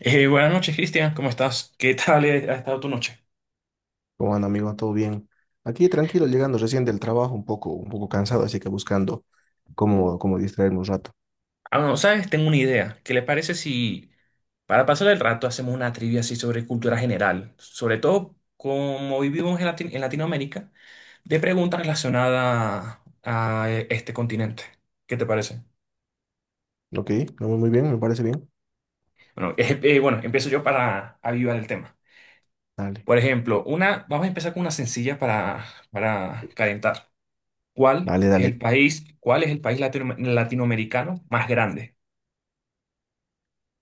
Buenas noches, Cristian, ¿cómo estás? ¿Qué tal ha estado tu noche? Como anda, amigo? ¿Todo bien? Aquí tranquilo, llegando recién del trabajo, un poco cansado, así que buscando cómo distraerme un rato. Ah, no, ¿sabes? Tengo una idea. ¿Qué le parece si para pasar el rato hacemos una trivia así sobre cultura general? Sobre todo como vivimos en, en Latinoamérica, de preguntas relacionadas a este continente. ¿Qué te parece? ¿Ok? ¿No? Muy muy bien, me parece bien. Bueno, bueno, empiezo yo para avivar el tema. Dale, Por ejemplo, vamos a empezar con una sencilla para calentar. ¿Cuál dale, es el dale. país, cuál es el país latinoamericano más grande?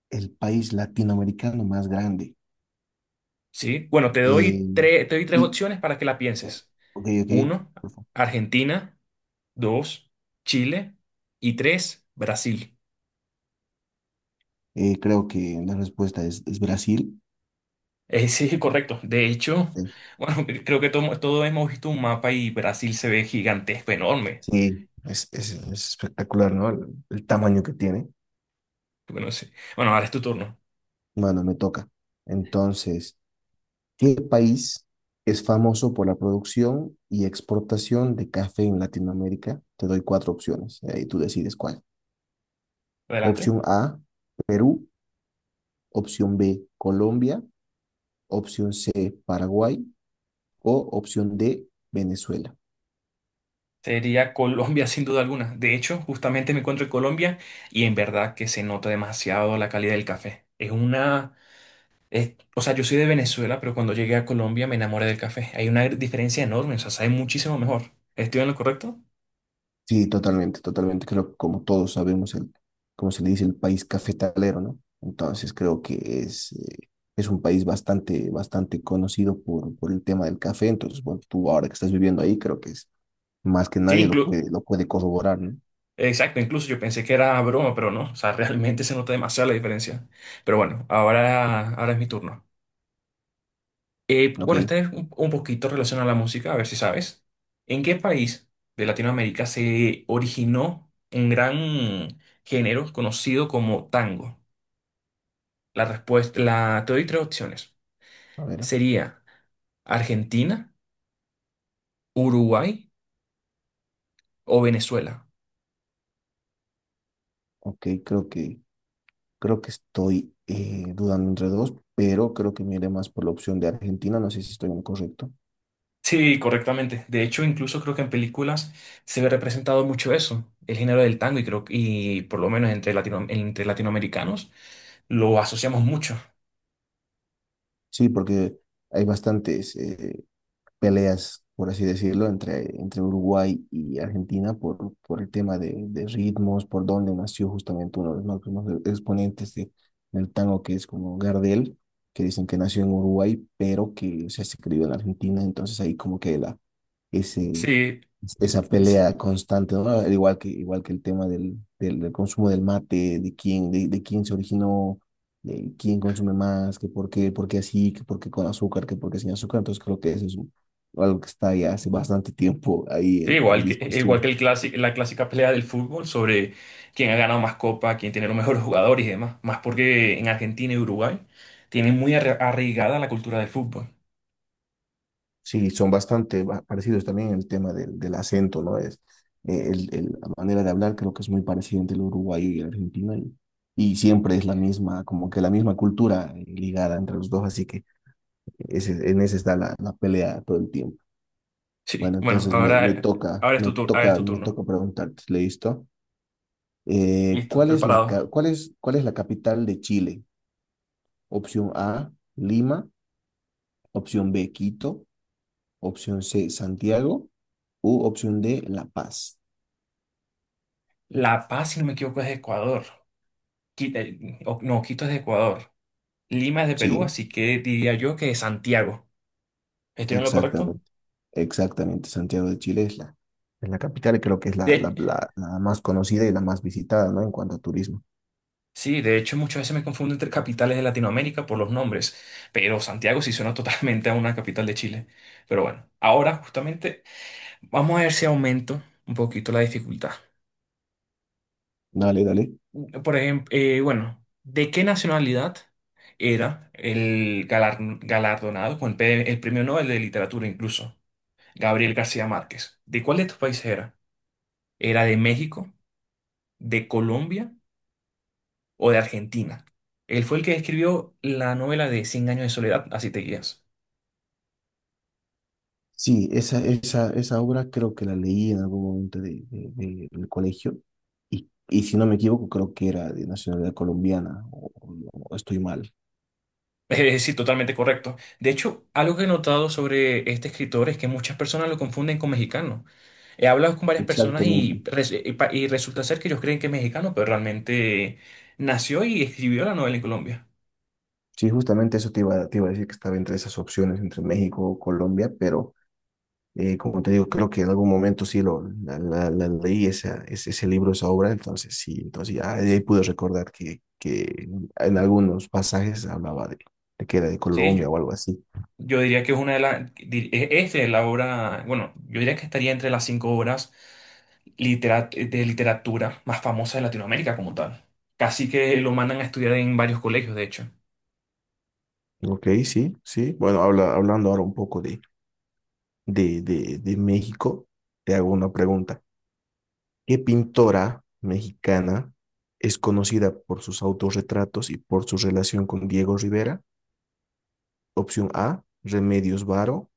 El país latinoamericano más grande. Sí, bueno, Eh, te doy tres y- opciones para que la pienses. ok, ok. Uno, Por favor. Argentina. Dos, Chile. Y tres, Brasil. Creo que la respuesta es Brasil. Sí, correcto. De hecho, Eh, bueno, creo que todos hemos visto un mapa y Brasil se ve gigantesco, enorme. Sí, es espectacular, ¿no? El tamaño que tiene. Bueno, sí. Bueno, ahora es tu turno. Bueno, me toca. Entonces, ¿qué país es famoso por la producción y exportación de café en Latinoamérica? Te doy cuatro opciones, y tú decides cuál. Adelante. Opción A, Perú. Opción B, Colombia. Opción C, Paraguay. O opción D, Venezuela. Sería Colombia sin duda alguna. De hecho, justamente me encuentro en Colombia y en verdad que se nota demasiado la calidad del café. Es una. O sea, yo soy de Venezuela, pero cuando llegué a Colombia me enamoré del café. Hay una diferencia enorme, o sea, sabe muchísimo mejor. ¿Estoy en lo correcto? Sí, totalmente, totalmente. Creo que como todos sabemos, el, como se le dice, el país cafetalero, ¿no? Entonces creo que es, eh, es un país bastante conocido por el tema del café. Entonces, bueno, tú ahora que estás viviendo ahí, creo que es más que Sí, nadie lo puede, lo puede corroborar, ¿no? exacto, incluso yo pensé que era broma, pero no, o sea, realmente se nota demasiado la diferencia. Pero bueno, ahora, ahora es mi turno. Ok, Bueno, esta es un poquito relacionada a la música, a ver si sabes. ¿En qué país de Latinoamérica se originó un gran género conocido como tango? La respuesta, la, te doy tres opciones. a ver, Sería Argentina. Uruguay o Venezuela. ok, creo que estoy dudando entre dos, pero creo que me iré más por la opción de Argentina, no sé si estoy en lo correcto. Sí, correctamente. De hecho, incluso creo que en películas se ve representado mucho eso, el género del tango, y creo y por lo menos entre entre latinoamericanos lo asociamos mucho. Sí, porque hay bastantes peleas, por así decirlo, entre Uruguay y Argentina por el tema de ritmos, por donde nació justamente uno de los máximos exponentes del tango, que es como Gardel, que dicen que nació en Uruguay, pero que se ha escrito en Argentina, entonces ahí como que la, ese, Sí, esa sí, sí. pelea constante, ¿no? Igual que el tema del consumo del mate, de quién, de quién se originó, de quién consume más, que por qué así, que por qué con azúcar, que por qué sin azúcar. Entonces creo que eso es o algo que está ya hace bastante tiempo ahí Sí, en igual que, e, igual que discusión. el la clásica pelea del fútbol sobre quién ha ganado más copa, quién tiene los mejores jugadores y demás. Más porque en Argentina y Uruguay tienen muy arraigada la cultura del fútbol. Sí, son bastante parecidos también en el tema del, del acento, ¿no? Es, el, la manera de hablar creo que es muy parecida entre el uruguayo y el argentino y siempre es la misma, como que la misma cultura ligada entre los dos, así que ese, en ese está la, la pelea todo el tiempo. Sí, Bueno, bueno, entonces me, me ahora, toca, ahora es tu me ahora es toca, tu me turno. toca preguntarte, ¿listo? Listo, ¿Cuál es la, preparado. Cuál es la capital de Chile? Opción A, Lima. Opción B, Quito. Opción C, Santiago. U opción D, La Paz. La Paz, si no me equivoco, es de Ecuador. Quito, no, Quito es de Ecuador. Lima es de Perú, Sí, así que diría yo que es Santiago. ¿Estoy en lo correcto? exactamente. Exactamente. Santiago de Chile es la capital y creo que es la, De, la, la más conocida y la más visitada, ¿no? En cuanto a turismo. sí, de hecho, muchas veces me confundo entre capitales de Latinoamérica por los nombres, pero Santiago sí suena totalmente a una capital de Chile. Pero bueno, ahora justamente vamos a ver si aumento un poquito la dificultad. Dale, dale. Por ejemplo, bueno, ¿de qué nacionalidad era el galardonado con el el premio Nobel de Literatura incluso? Gabriel García Márquez. ¿De cuál de estos países era? ¿Era de México, de Colombia o de Argentina? Él fue el que escribió la novela de Cien años de soledad, así te guías. Sí, esa obra creo que la leí en algún momento de, del colegio. Y si no me equivoco, creo que era de nacionalidad colombiana o, o estoy mal. Es decir, totalmente correcto. De hecho, algo que he notado sobre este escritor es que muchas personas lo confunden con mexicano. He hablado con varias personas Exactamente. Y resulta ser que ellos creen que es mexicano, pero realmente nació y escribió la novela en Colombia. Sí, justamente eso te iba a decir que estaba entre esas opciones, entre México o Colombia, pero como te digo, creo que en algún momento sí lo, la, la leí esa, ese libro, esa obra, entonces sí, entonces ya de ahí pude recordar que en algunos pasajes hablaba de que era de Colombia Sí, o algo así. yo diría que es una de las. Es la obra. Bueno, yo diría que estaría entre las cinco obras de literatura más famosas de Latinoamérica como tal. Casi que lo mandan a estudiar en varios colegios, de hecho. Ok, sí, sí. Bueno, habla, hablando ahora un poco de, de México, te hago una pregunta. ¿Qué pintora mexicana es conocida por sus autorretratos y por su relación con Diego Rivera? Opción A, Remedios Varo.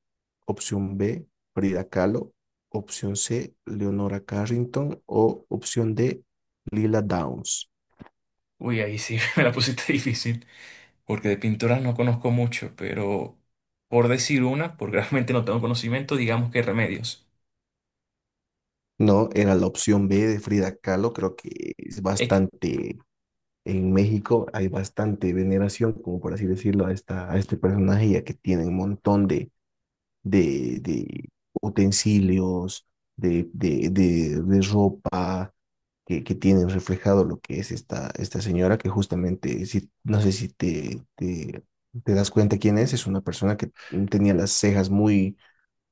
Opción B, Frida Kahlo. Opción C, Leonora Carrington. O opción D, Lila Downs. Uy, ahí sí me la pusiste difícil. Porque de pintoras no conozco mucho, pero por decir una, porque realmente no tengo conocimiento, digamos que Remedios. No, era la opción B de Frida Kahlo. Creo que es Es que- bastante, en México hay bastante veneración, como por así decirlo, a, esta, a este personaje, ya que tiene un montón de, de utensilios, de ropa, que tienen reflejado lo que es esta, esta señora, que justamente, si, no sé si te, te, te das cuenta quién es una persona que tenía las cejas muy,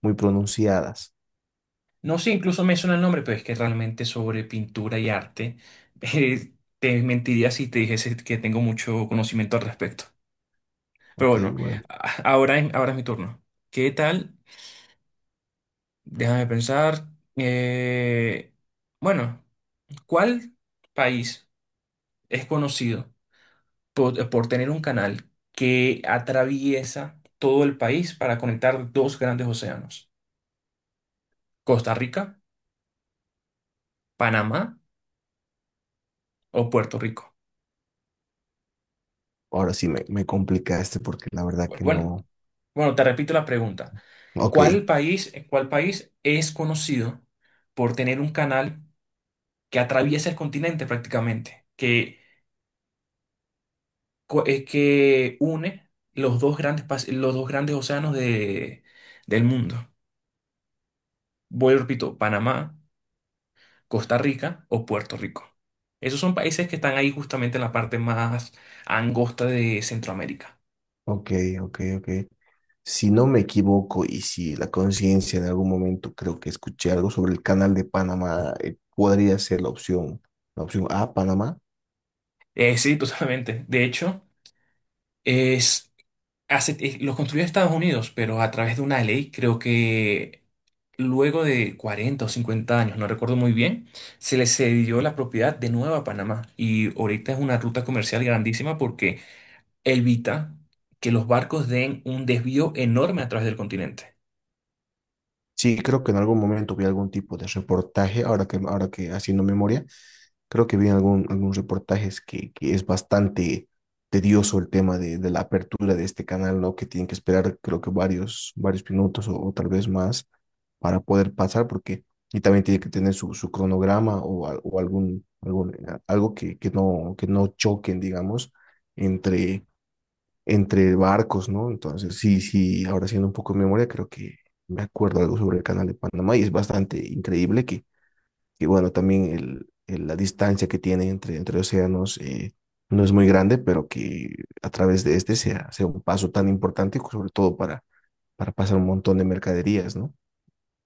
muy pronunciadas. no sé, incluso me suena el nombre, pero es que realmente sobre pintura y arte, eh, te mentiría si te dijese que tengo mucho conocimiento al respecto. Pero Ok, bueno, bueno, ahora es mi turno. ¿Qué tal? Déjame pensar. Eh, bueno, ¿cuál país es conocido por tener un canal que atraviesa todo el país para conectar dos grandes océanos? ¿Costa Rica, Panamá o Puerto Rico? ahora sí me complicaste porque la verdad que Bueno, no. bueno, te repito la pregunta. Ok, Cuál país es conocido por tener un canal que atraviesa el continente prácticamente? Que que une los dos grandes, los dos grandes océanos de, del mundo. Vuelvo, y repito, Panamá, Costa Rica o Puerto Rico. Esos son países que están ahí justamente en la parte más angosta de Centroamérica. ok, ok. Si no me equivoco y si la conciencia en algún momento creo que escuché algo sobre el canal de Panamá, podría ser la opción A, Panamá. Sí, totalmente. De hecho, es... los construyó Estados Unidos, pero a través de una ley, creo que luego de 40 o 50 años, no recuerdo muy bien, se le cedió la propiedad de nuevo a Panamá. Y ahorita es una ruta comercial grandísima porque evita que los barcos den un desvío enorme a través del continente. Sí, creo que en algún momento vi algún tipo de reportaje, ahora que haciendo memoria, creo que vi algún, algún reportaje es que es bastante tedioso el tema de la apertura de este canal, ¿no? Que tienen que esperar creo que varios minutos o tal vez más para poder pasar, porque y también tiene que tener su, su cronograma o, o algún, algún, algo que no choquen, digamos, entre entre barcos, ¿no? Entonces, sí, sí, ahora haciendo un poco de memoria, creo que me acuerdo algo sobre el canal de Panamá y es bastante increíble que bueno, también el, la distancia que tiene entre, entre océanos no es muy grande, pero que a través de este sea, sea un paso tan importante, sobre todo para pasar un montón de mercaderías, ¿no?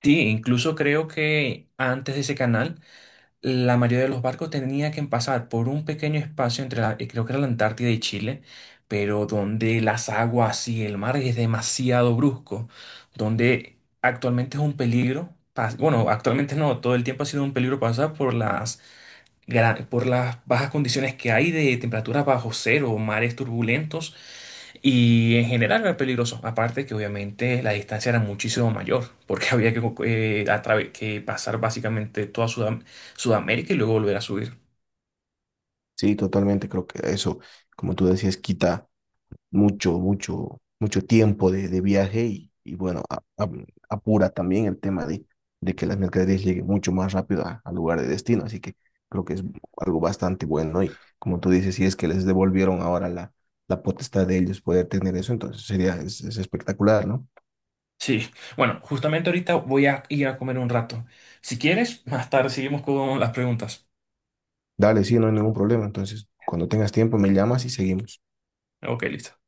Sí, incluso creo que antes de ese canal la mayoría de los barcos tenía que pasar por un pequeño espacio entre la, creo que era la Antártida y Chile, pero donde las aguas y el mar es demasiado brusco, donde actualmente es un peligro, bueno, actualmente no, todo el tiempo ha sido un peligro pasar por las por las bajas condiciones que hay de temperaturas bajo cero, mares turbulentos y en general era peligroso. Aparte que obviamente la distancia era muchísimo mayor porque había que, que pasar básicamente toda Sudamérica y luego volver a subir. Sí, totalmente, creo que eso, como tú decías, quita mucho, mucho, mucho tiempo de viaje y bueno, apura también el tema de que las mercaderías lleguen mucho más rápido al lugar de destino. Así que creo que es algo bastante bueno, ¿no? Y como tú dices, si es que les devolvieron ahora la, la potestad de ellos poder tener eso, entonces sería es espectacular, ¿no? Sí, bueno, justamente ahorita voy a ir a comer un rato. Si quieres, más tarde seguimos con las preguntas. Dale, sí, no hay ningún problema. Entonces, cuando tengas tiempo, me llamas y seguimos. Ok, listo.